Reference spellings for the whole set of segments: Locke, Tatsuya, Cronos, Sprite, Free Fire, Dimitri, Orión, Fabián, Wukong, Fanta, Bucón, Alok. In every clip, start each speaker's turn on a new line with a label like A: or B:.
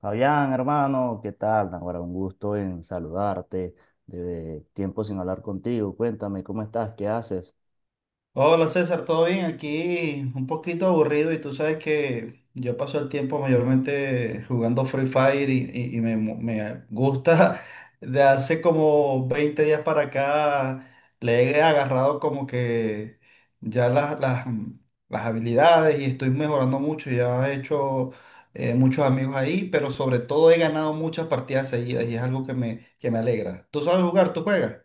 A: Fabián, hermano, ¿qué tal? Ahora un gusto en saludarte. De tiempo sin hablar contigo. Cuéntame, ¿cómo estás? ¿Qué haces?
B: Hola César, ¿todo bien? Aquí un poquito aburrido y tú sabes que yo paso el tiempo mayormente jugando Free Fire y me gusta de hace como 20 días para acá le he agarrado como que ya las habilidades y estoy mejorando mucho, ya he hecho muchos amigos ahí, pero sobre todo he ganado muchas partidas seguidas y es algo que me alegra. ¿Tú sabes jugar? ¿Tú juegas?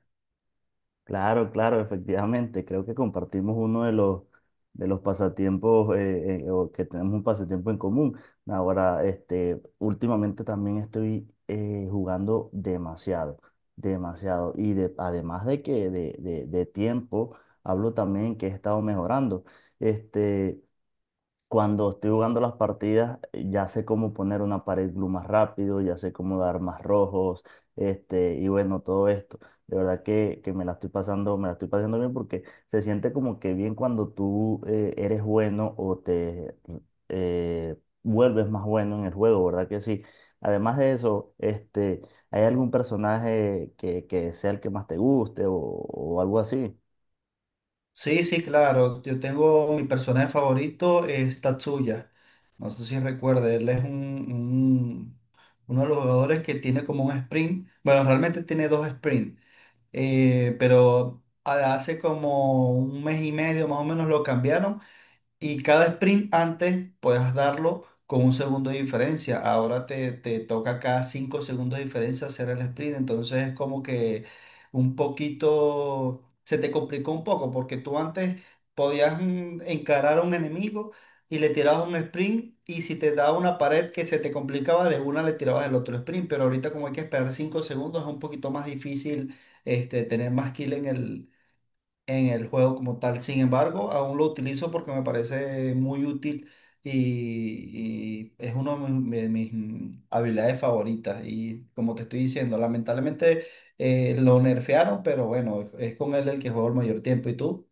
A: Claro, claro, efectivamente. Creo que compartimos uno de los pasatiempos, o que tenemos un pasatiempo en común. Ahora, este, últimamente también estoy jugando demasiado, demasiado. Además de tiempo, hablo también que he estado mejorando. Este. Cuando estoy jugando las partidas, ya sé cómo poner una pared blue más rápido, ya sé cómo dar más rojos, este, y bueno, todo esto. De verdad que me la estoy pasando, me la estoy pasando bien porque se siente como que bien cuando tú eres bueno o te eh, vuelves más bueno en el juego, ¿verdad que sí? Además de eso, este, ¿hay algún personaje que sea el que más te guste o algo así?
B: Sí, sí, claro. Yo tengo mi personaje favorito, es Tatsuya. No sé si recuerda, él es un- uno de los jugadores que tiene como un sprint. Bueno, realmente tiene dos sprints, pero hace como un mes y medio más o menos lo cambiaron y cada sprint antes puedas darlo con un segundo de diferencia. Ahora te toca cada 5 segundos de diferencia hacer el sprint. Entonces es como que un poquito, se te complicó un poco porque tú antes podías encarar a un enemigo y le tirabas un sprint y si te daba una pared que se te complicaba, de una le tirabas el otro sprint. Pero ahorita como hay que esperar 5 segundos es un poquito más difícil tener más kill en el juego como tal. Sin embargo, aún lo utilizo porque me parece muy útil y es una de mis habilidades favoritas. Y como te estoy diciendo, lamentablemente lo nerfearon, pero bueno, es con él el que juego el mayor tiempo. ¿Y tú?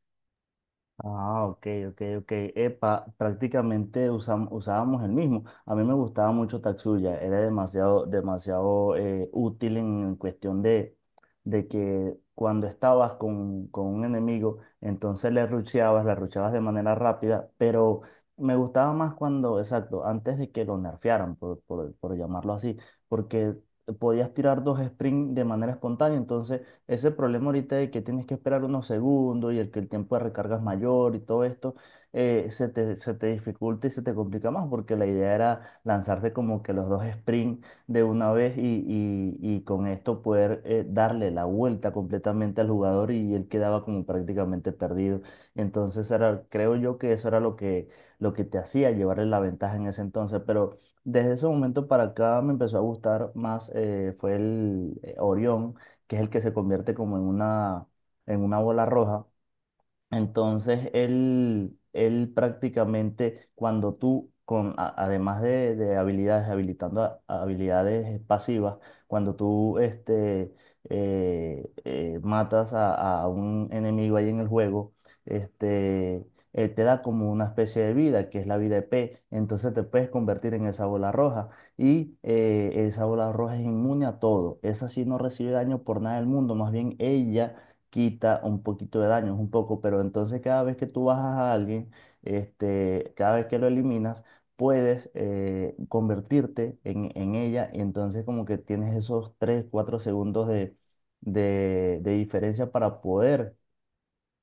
A: Ah, ok, ok, ok. Epa, prácticamente usábamos el mismo. A mí me gustaba mucho Tatsuya, era demasiado, demasiado útil en cuestión de que cuando estabas con un enemigo, entonces le rusheabas de manera rápida, pero me gustaba más cuando, exacto, antes de que lo nerfearan, por llamarlo así, porque podías tirar dos sprints de manera espontánea, entonces ese problema ahorita de que tienes que esperar unos segundos y el tiempo de recarga es mayor y todo esto, se te dificulta y se te complica más porque la idea era lanzarte como que los dos sprint de una vez y con esto poder darle la vuelta completamente al jugador y él quedaba como prácticamente perdido. Entonces era, creo yo que eso era lo que te hacía llevarle la ventaja en ese entonces, pero… Desde ese momento para acá me empezó a gustar más, fue el Orión, que es el que se convierte como en una bola roja. Entonces, él prácticamente, cuando tú, además de habilidades, habilitando a habilidades pasivas, cuando tú matas a un enemigo ahí en el juego, este, te da como una especie de vida, que es la vida E P Entonces te puedes convertir en esa bola roja. Y esa bola roja es inmune a todo. Esa sí no recibe daño por nada del mundo. Más bien ella quita un poquito de daño, es un poco, pero entonces cada vez que tú bajas a alguien, este, cada vez que lo eliminas, puedes convertirte en ella y entonces como que tienes esos 3 4 segundos de diferencia para poder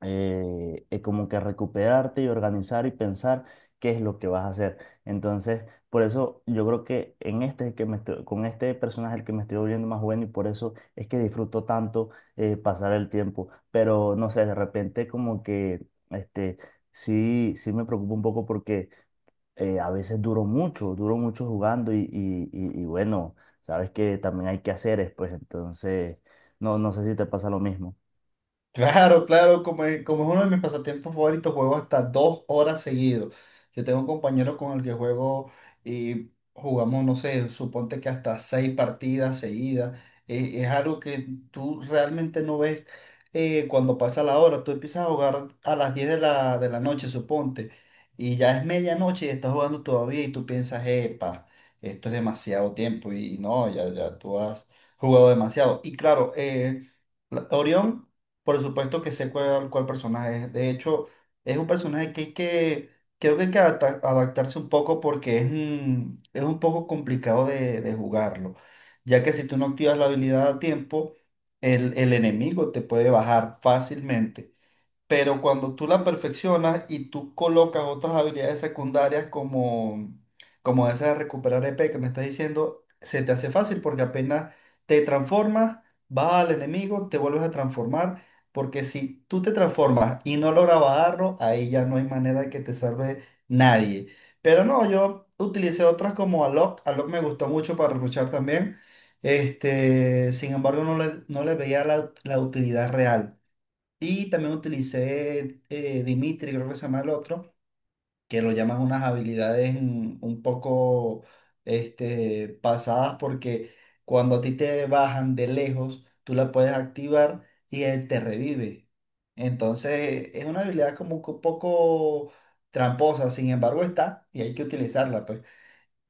A: como que recuperarte y organizar y pensar qué es lo que vas a hacer. Entonces, por eso yo creo que en este que me estoy- con este personaje el que me estoy volviendo más bueno y por eso es que disfruto tanto pasar el tiempo. Pero no sé, de repente como que este sí, sí me preocupa un poco porque a veces duro mucho jugando y bueno, sabes que también hay que hacer pues entonces no sé si te pasa lo mismo.
B: Claro, claro, como es uno de mis pasatiempos favoritos, juego hasta 2 horas seguido. Yo tengo un compañero con el que juego y jugamos, no sé, suponte que hasta seis partidas seguidas. Es algo que tú realmente no ves cuando pasa la hora. Tú empiezas a jugar a las 10 de la noche, suponte, y ya es medianoche y estás jugando todavía y tú piensas, epa, esto es demasiado tiempo y no, ya tú has jugado demasiado. Y claro, Orión. Por supuesto que sé cuál personaje es. De hecho, es un personaje creo que hay que adaptarse un poco porque es un poco complicado de jugarlo, ya que si tú no activas la habilidad a tiempo, el enemigo te puede bajar fácilmente pero cuando tú la perfeccionas y tú colocas otras habilidades secundarias como esa de recuperar EP que me estás diciendo, se te hace fácil porque apenas te transformas, vas al enemigo, te vuelves a transformar, porque si tú te transformas y no logras bajarlo, ahí ya no hay manera de que te salve nadie. Pero no, yo utilicé otras como Alok me gustó mucho para luchar también. Sin embargo, no le veía la utilidad real. Y también utilicé Dimitri, creo que se llama el otro, que lo llaman unas habilidades un poco pasadas porque cuando a ti te bajan de lejos, tú la puedes activar y él te revive. Entonces es una habilidad como que un poco tramposa, sin embargo está y hay que utilizarla, pues.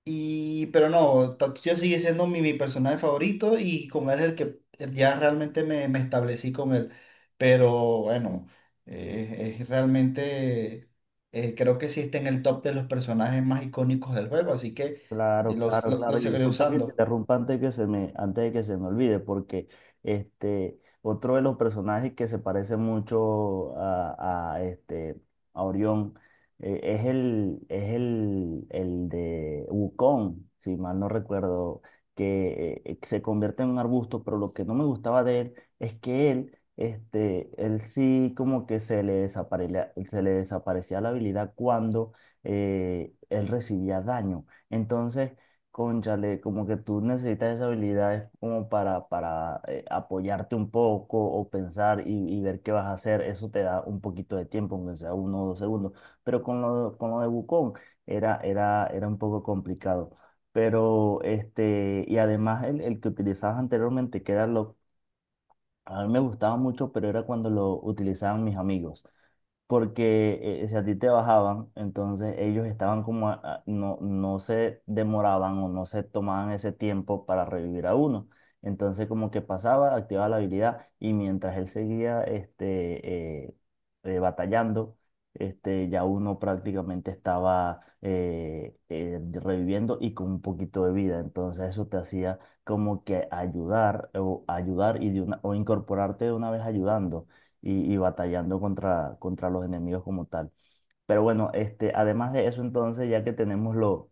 B: Pero no, Tatsuya sigue siendo mi personaje favorito y con él es el que ya realmente me establecí con él. Pero bueno, eh, es realmente, creo que sí está en el top de los personajes más icónicos del juego, así que
A: Claro,
B: los,
A: claro,
B: lo- lo
A: claro. Y
B: seguiré
A: disculpa que te
B: usando.
A: interrumpa antes de que se me, antes de que se me olvide, porque este, otro de los personajes que se parece mucho este, a Orión, es el de Wukong, si mal no recuerdo, que se convierte en un arbusto, pero lo que no me gustaba de él es que él, este, él sí como que se le desaparecía la habilidad cuando él recibía daño. Entonces, cónchale, como que tú necesitas esas habilidades como para apoyarte un poco o pensar y ver qué vas a hacer. Eso te da un poquito de tiempo, aunque sea uno o dos segundos. Pero con lo de Wukong era un poco complicado. Pero, este, y además el que utilizabas anteriormente, que era lo, a mí me gustaba mucho, pero era cuando lo utilizaban mis amigos porque si a ti te bajaban, entonces ellos estaban como, no, no se demoraban o no se tomaban ese tiempo para revivir a uno. Entonces como que pasaba, activaba la habilidad y mientras él seguía batallando, este, ya uno prácticamente estaba reviviendo y con un poquito de vida. Entonces eso te hacía como que ayudar o ayudar y de una, o incorporarte de una vez ayudando y batallando contra los enemigos como tal. Pero bueno, este, además de eso, entonces, ya que tenemos lo-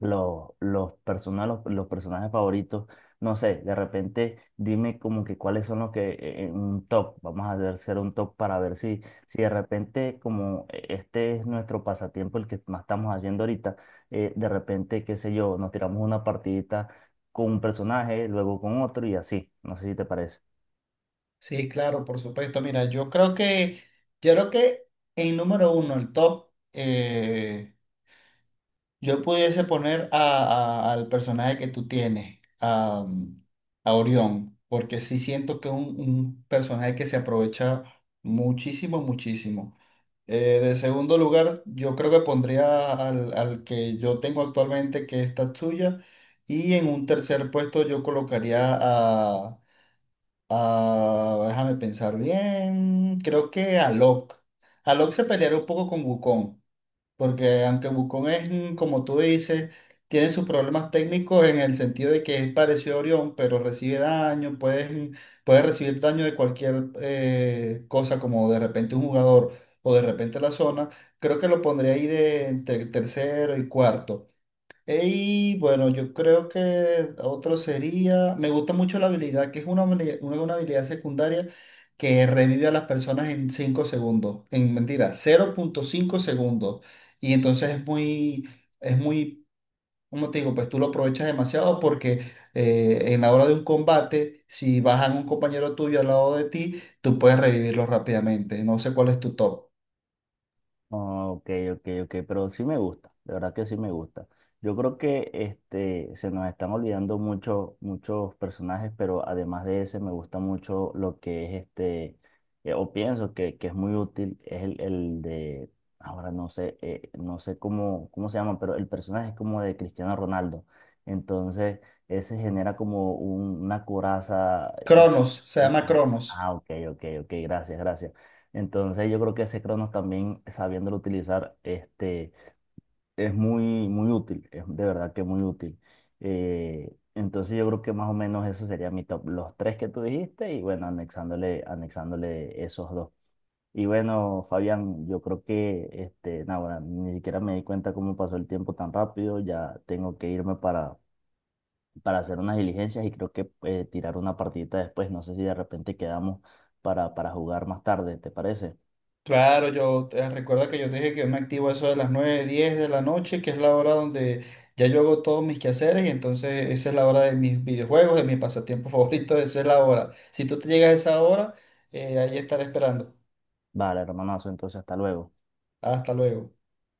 A: lo- los, persona- los, los personajes favoritos, no sé, de repente dime como que cuáles son los que en un top, vamos a hacer un top para ver si, si de repente como este es nuestro pasatiempo, el que más estamos haciendo ahorita, de repente, qué sé yo, nos tiramos una partidita con un personaje, luego con otro y así, no sé si te parece.
B: Sí, claro, por supuesto. Mira, yo creo que en número uno, el top, yo pudiese poner al personaje que tú tienes, a Orión, porque sí siento que es un personaje que se aprovecha muchísimo, muchísimo. De segundo lugar, yo creo que pondría al que yo tengo actualmente, que es Tatsuya. Y en un tercer puesto yo colocaría déjame pensar bien, creo que a Locke. A Locke se pelearía un poco con Wukong. Porque aunque Bucón es, como tú dices, tiene sus problemas técnicos en el sentido de que es parecido a Orión, pero recibe daño, puede recibir daño de cualquier cosa, como de repente un jugador o de repente la zona, creo que lo pondría ahí de entre tercero y cuarto. Y bueno, yo creo que otro sería, me gusta mucho la habilidad, que es una habilidad secundaria que revive a las personas en 5 segundos, en mentira, 0,5 segundos. Y entonces es muy, como te digo, pues tú lo aprovechas demasiado porque en la hora de un combate, si bajan un compañero tuyo al lado de ti, tú puedes revivirlo rápidamente. No sé cuál es tu top.
A: Ah, ok, ok, ok, pero sí me gusta, de verdad que sí me gusta. Yo creo que este, se nos están olvidando mucho, muchos personajes, pero además de ese me gusta mucho lo que es este, o pienso que es muy útil, es el de, ahora no sé, no sé cómo, cómo se llama, pero el personaje es como de Cristiano Ronaldo. Entonces, ese genera como una coraza.
B: Cronos, se llama
A: Ah,
B: Cronos.
A: ah, ok, ok, ok, gracias, gracias. Entonces yo creo que ese Cronos también sabiéndolo utilizar este, es muy, muy útil, es de verdad que muy útil. Entonces yo creo que más o menos eso sería mi top, los tres que tú dijiste y bueno, anexándole, anexándole esos dos. Y bueno, Fabián, yo creo que este, nada, bueno, ni siquiera me di cuenta cómo pasó el tiempo tan rápido, ya tengo que irme para hacer unas diligencias y creo que tirar una partidita después, no sé si de repente quedamos para jugar más tarde, ¿te parece?
B: Claro, recuerda que yo te dije que yo me activo a eso de las 9, 10 de la noche, que es la hora donde ya yo hago todos mis quehaceres y entonces esa es la hora de mis videojuegos, de mi pasatiempo favorito, esa es la hora. Si tú te llegas a esa hora, ahí estaré esperando.
A: Vale, hermanazo, entonces hasta luego.
B: Hasta luego.